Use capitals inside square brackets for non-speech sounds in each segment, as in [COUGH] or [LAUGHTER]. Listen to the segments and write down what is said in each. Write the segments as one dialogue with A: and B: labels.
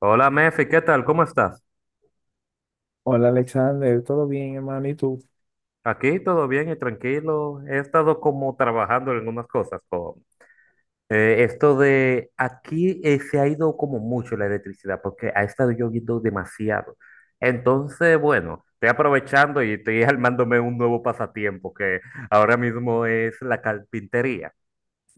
A: Hola, Mefi, ¿qué tal? ¿Cómo estás?
B: Hola Alexander, ¿todo bien, hermano? ¿Y tú?
A: Aquí todo bien y tranquilo. He estado como trabajando en algunas cosas con esto de aquí se ha ido como mucho la electricidad porque ha estado lloviendo demasiado. Entonces, bueno, estoy aprovechando y estoy [LAUGHS] armándome un nuevo pasatiempo que ahora mismo es la carpintería.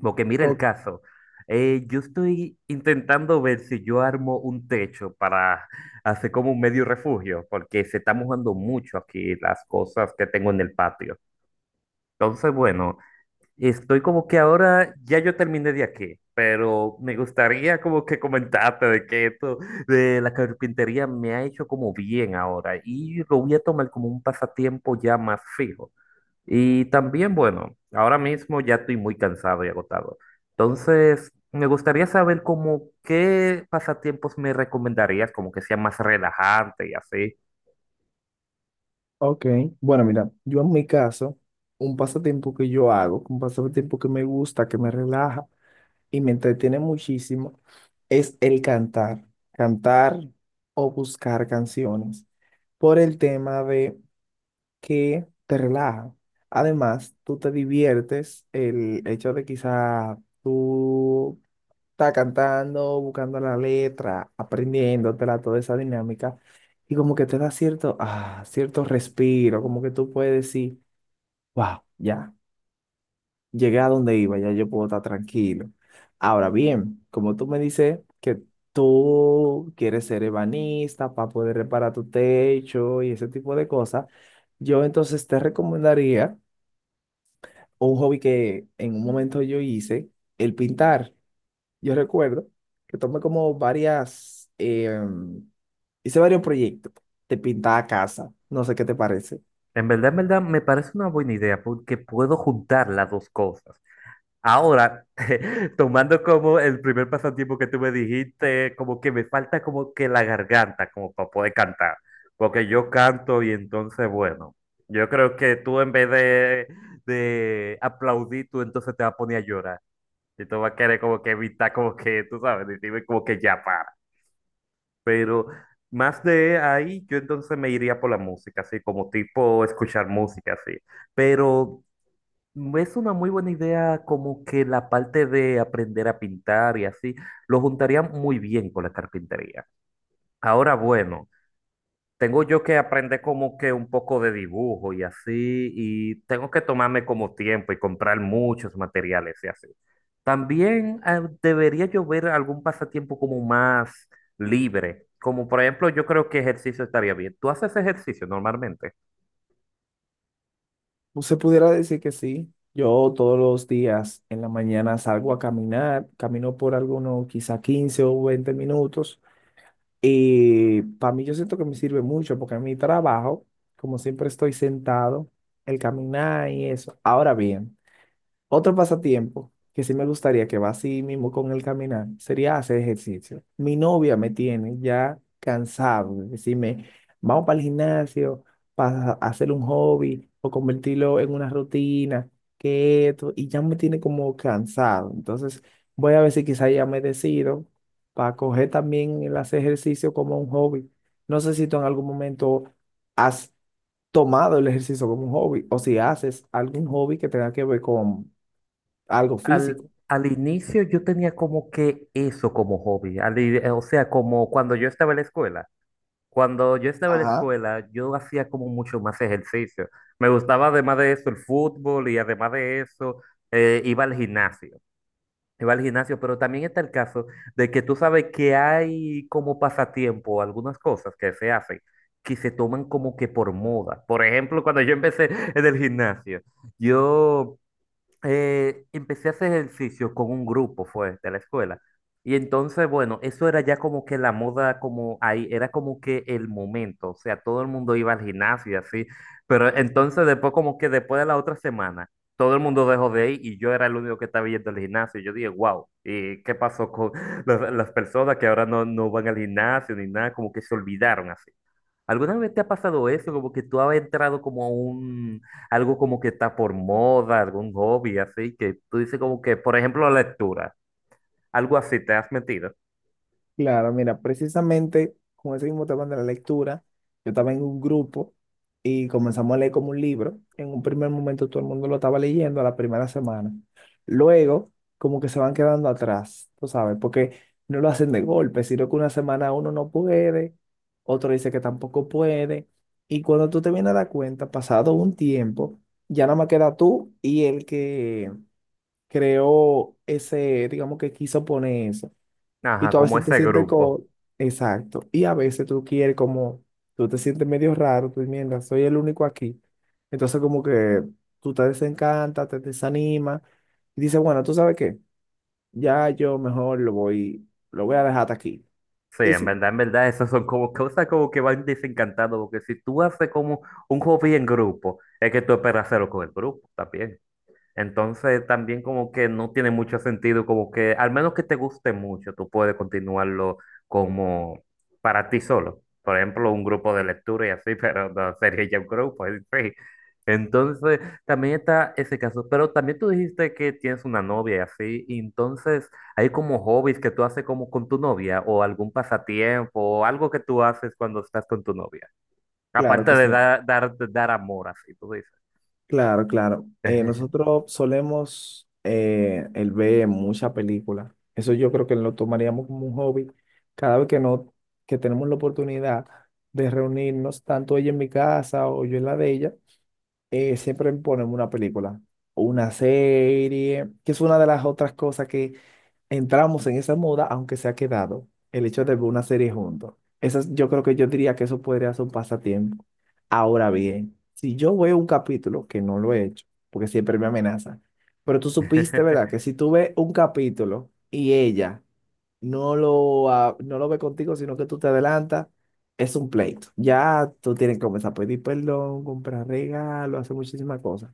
A: Porque mira el
B: O-
A: caso. Yo estoy intentando ver si yo armo un techo para hacer como un medio refugio, porque se está mojando mucho aquí las cosas que tengo en el patio. Entonces, bueno, estoy como que ahora ya yo terminé de aquí, pero me gustaría como que comentarte de que esto de la carpintería me ha hecho como bien ahora y lo voy a tomar como un pasatiempo ya más fijo. Y también, bueno, ahora mismo ya estoy muy cansado y agotado. Entonces, me gustaría saber como qué pasatiempos me recomendarías, como que sea más relajante y así.
B: ok, bueno, mira, yo en mi caso, un pasatiempo que yo hago, un pasatiempo que me gusta, que me relaja y me entretiene muchísimo, es el cantar, cantar o buscar canciones, por el tema de que te relaja. Además, tú te diviertes, el hecho de quizá tú está cantando, buscando la letra, aprendiéndotela, toda esa dinámica, y como que te da cierto respiro, como que tú puedes decir, wow, ya, llegué a donde iba, ya yo puedo estar tranquilo. Ahora bien, como tú me dices que tú quieres ser ebanista para poder reparar tu techo y ese tipo de cosas, yo entonces te recomendaría un hobby que en un momento yo hice, el pintar. Yo recuerdo que tomé como varias, hice varios proyectos de pintar casa, no sé qué te parece.
A: En verdad, me parece una buena idea porque puedo juntar las dos cosas. Ahora, [LAUGHS] tomando como el primer pasatiempo que tú me dijiste, como que me falta como que la garganta, como para poder cantar, porque yo canto y entonces, bueno, yo creo que tú en vez de aplaudir, tú entonces te vas a poner a llorar y tú vas a querer como que evitar, como que, tú sabes, decirme como que ya para. Pero más de ahí, yo entonces me iría por la música, así como tipo escuchar música, así. Pero... Mm, es una muy buena idea como que la parte de aprender a pintar y así, lo juntaría muy bien con la carpintería. Ahora, bueno, tengo yo que aprender como que un poco de dibujo y así, y tengo que tomarme como tiempo y comprar muchos materiales y así. También debería yo ver algún pasatiempo como más libre, como por ejemplo yo creo que ejercicio estaría bien. ¿Tú haces ejercicio normalmente?
B: Pues se pudiera decir que sí. Yo todos los días en la mañana salgo a caminar, camino por algunos quizá 15 o 20 minutos y para mí yo siento que me sirve mucho porque en mi trabajo, como siempre estoy sentado, el caminar y eso. Ahora bien, otro pasatiempo que sí me gustaría que va así mismo con el caminar sería hacer ejercicio. Mi novia me tiene ya cansado de decirme, vamos para el gimnasio, para hacer un hobby o convertirlo en una rutina, que esto, y ya me tiene como cansado. Entonces voy a ver si quizá ya me decido para coger también el hacer ejercicio como un hobby. No sé si tú en algún momento has tomado el ejercicio como un hobby o si haces algún hobby que tenga que ver con algo
A: Al,
B: físico.
A: al inicio yo tenía como que eso como hobby, o sea, como cuando yo estaba en la escuela. Cuando yo estaba en la
B: Ajá,
A: escuela, yo hacía como mucho más ejercicio. Me gustaba además de eso el fútbol y además de eso iba al gimnasio. Iba al gimnasio, pero también está el caso de que tú sabes que hay como pasatiempo algunas cosas que se hacen que se toman como que por moda. Por ejemplo, cuando yo empecé en el gimnasio, yo empecé a hacer ejercicio con un grupo, fue, de la escuela. Y entonces, bueno, eso era ya como que la moda, como ahí, era como que el momento, o sea, todo el mundo iba al gimnasio y así, pero entonces después como que después de la otra semana, todo el mundo dejó de ir y yo era el único que estaba yendo al gimnasio. Y yo dije, wow, ¿y qué pasó con [LAUGHS] las personas que ahora no, no van al gimnasio ni nada? Como que se olvidaron así. ¿Alguna vez te ha pasado eso? Como que tú has entrado como a un, algo como que está por moda, algún hobby, así, que tú dices como que, por ejemplo, lectura, algo así, te has metido.
B: claro, mira, precisamente con ese mismo tema de la lectura, yo estaba en un grupo y comenzamos a leer como un libro. En un primer momento todo el mundo lo estaba leyendo a la primera semana. Luego, como que se van quedando atrás, tú sabes, porque no lo hacen de golpe, sino que una semana uno no puede, otro dice que tampoco puede. Y cuando tú te vienes a dar cuenta, pasado un tiempo, ya nada más queda tú y el que creó ese, digamos que quiso poner eso. Y
A: Ajá,
B: tú a
A: como
B: veces te
A: ese
B: sientes
A: grupo.
B: como, exacto. Y a veces tú quieres como, tú te sientes medio raro, tú mierda, soy el único aquí. Entonces como que tú te desencantas, te desanimas y dices, bueno, ¿tú sabes qué? Ya yo mejor lo voy a dejar hasta aquí.
A: Sí,
B: Y sí,
A: en verdad, esas son como cosas como que van desencantando, porque si tú haces como un hobby en grupo, es que tú esperas hacerlo con el grupo también. Entonces también como que no tiene mucho sentido, como que al menos que te guste mucho, tú puedes continuarlo como para ti solo. Por ejemplo, un grupo de lectura y así, [LAUGHS] pero no sería ya un grupo, [LAUGHS] en sí. Entonces también está ese caso, pero también tú dijiste que tienes una novia y así, y entonces hay como hobbies que tú haces como con tu novia o algún pasatiempo o algo que tú haces cuando estás con tu novia,
B: claro
A: aparte
B: que
A: de
B: sí.
A: dar amor, así tú
B: Claro, claro.
A: dices.
B: Nosotros solemos el ver muchas películas. Eso yo creo que lo tomaríamos como un hobby. Cada vez que no, que tenemos la oportunidad de reunirnos, tanto ella en mi casa o yo en la de ella, siempre ponemos una película o una serie, que es una de las otras cosas que entramos en esa moda, aunque se ha quedado el hecho de ver una serie juntos. Yo creo que yo diría que eso podría ser un pasatiempo. Ahora bien, si yo veo un capítulo, que no lo he hecho, porque siempre me amenaza, pero tú supiste, ¿verdad? Que
A: [LAUGHS]
B: si tú ves un capítulo y ella no lo ve contigo, sino que tú te adelantas, es un pleito. Ya tú tienes que comenzar a pedir perdón, comprar regalos, hacer muchísimas cosas.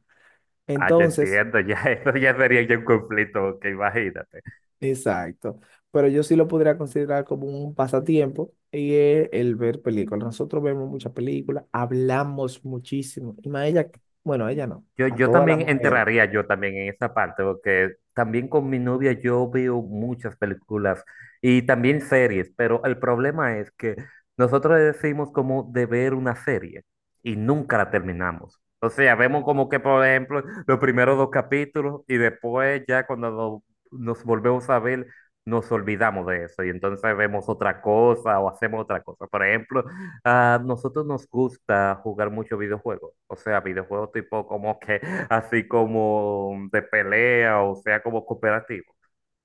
A: Ah, yo
B: Entonces,
A: entiendo, ya [LAUGHS] eso ya sería ya un conflicto, que imagínate.
B: exacto. Pero yo sí lo podría considerar como un pasatiempo y es el ver películas. Nosotros vemos muchas películas, hablamos muchísimo. Y más ella, bueno, a ella no,
A: Yo,
B: a
A: yo
B: toda la
A: también
B: mujer.
A: entraría yo también en esa parte, porque también con mi novia yo veo muchas películas y también series, pero el problema es que nosotros decimos como de ver una serie y nunca la terminamos. O sea, vemos como que, por ejemplo, los primeros dos capítulos y después ya cuando nos volvemos a ver, nos olvidamos de eso y entonces vemos otra cosa o hacemos otra cosa. Por ejemplo, a nosotros nos gusta jugar mucho videojuegos, o sea, videojuegos tipo como que [LAUGHS] así como de pelea, o sea, como cooperativo.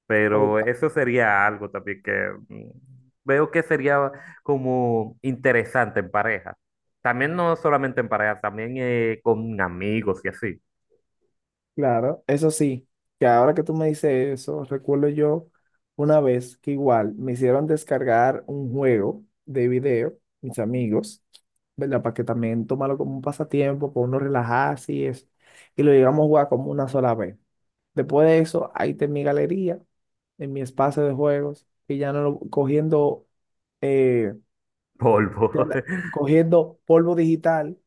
A: Pero
B: O-
A: eso sería algo también que veo que sería como interesante en pareja. También no solamente en pareja, también con amigos y así.
B: claro, eso sí, que ahora que tú me dices eso, recuerdo yo una vez que igual me hicieron descargar un juego de video, mis amigos, ¿verdad? Para que también tomarlo como un pasatiempo, para uno relajarse y eso. Y lo llegamos a jugar como una sola vez. Después de eso, ahí está en mi galería, en mi espacio de juegos, que ya no lo- cogiendo, eh,
A: Polvo.
B: ya la-
A: [LAUGHS]
B: cogiendo polvo digital,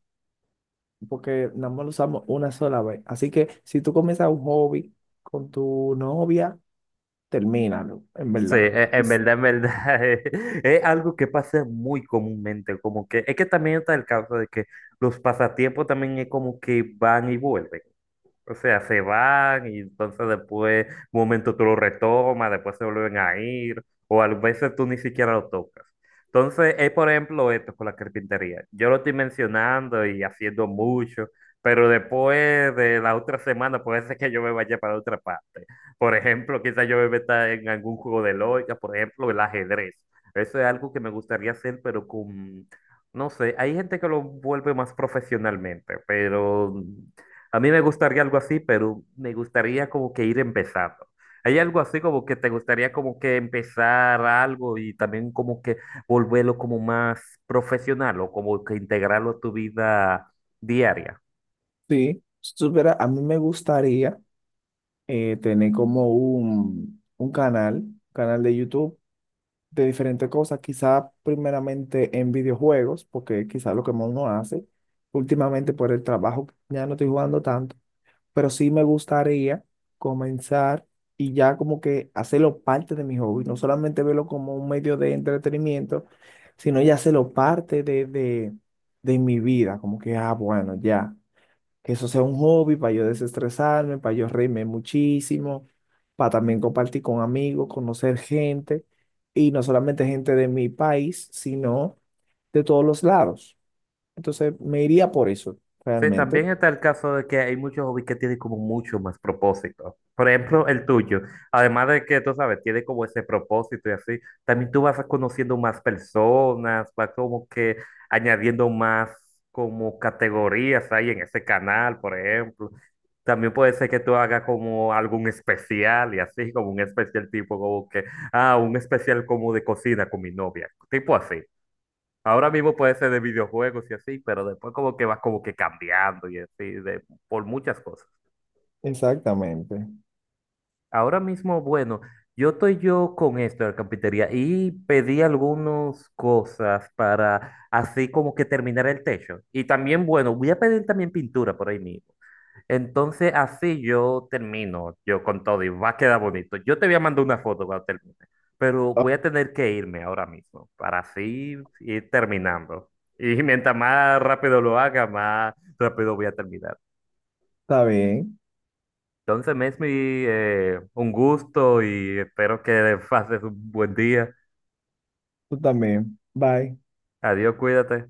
B: porque nada más lo usamos una sola vez. Así que si tú comienzas un hobby con tu novia, termínalo, en
A: Sí,
B: verdad.
A: en verdad, [LAUGHS] es, algo que pasa muy comúnmente, como que es que también está el caso de que los pasatiempos también es como que van y vuelven. O sea, se van y entonces después, un momento tú lo retomas, después se vuelven a ir, o a veces tú ni siquiera lo tocas. Entonces, es por ejemplo esto con la carpintería. Yo lo estoy mencionando y haciendo mucho, pero después de la otra semana puede ser que yo me vaya para otra parte. Por ejemplo, quizás yo me meta en algún juego de lógica, por ejemplo, el ajedrez. Eso es algo que me gustaría hacer, pero con, no sé, hay gente que lo vuelve más profesionalmente, pero... A mí me gustaría algo así, pero me gustaría como que ir empezando. ¿Hay algo así como que te gustaría como que empezar algo y también como que volverlo como más profesional o como que integrarlo a tu vida diaria?
B: Sí, si supiera, a mí me gustaría tener como un canal de YouTube de diferentes cosas, quizá primeramente en videojuegos, porque quizá lo que más uno hace últimamente por el trabajo, ya no estoy jugando tanto, pero sí me gustaría comenzar y ya como que hacerlo parte de mi hobby, no solamente verlo como un medio de entretenimiento, sino ya hacerlo parte de mi vida, como que, bueno, ya que eso sea un hobby para yo desestresarme, para yo reírme muchísimo, para también compartir con amigos, conocer gente, y no solamente gente de mi país, sino de todos los lados. Entonces me iría por eso,
A: Sí,
B: realmente.
A: también está el caso de que hay muchos hobbies que tienen como mucho más propósito. Por ejemplo, el tuyo. Además de que, tú sabes, tiene como ese propósito y así, también tú vas conociendo más personas, vas como que añadiendo más como categorías ahí en ese canal, por ejemplo. También puede ser que tú hagas como algún especial y así, como un especial tipo como que, ah, un especial como de cocina con mi novia, tipo así. Ahora mismo puede ser de videojuegos y así, pero después como que va como que cambiando y así, de, por muchas cosas.
B: Exactamente.
A: Ahora mismo, bueno, yo estoy yo con esto de la carpintería y pedí algunas cosas para así como que terminar el techo. Y también, bueno, voy a pedir también pintura por ahí mismo. Entonces, así yo termino, yo con todo y va a quedar bonito. Yo te voy a mandar una foto cuando termine, pero
B: Ah,
A: voy a tener que irme ahora mismo para así ir terminando. [LAUGHS] Y mientras más rápido lo haga, más rápido voy a terminar.
B: está bien,
A: Entonces, Mesmi, un gusto y espero que pases un buen día.
B: tú también. Bye.
A: Adiós, cuídate.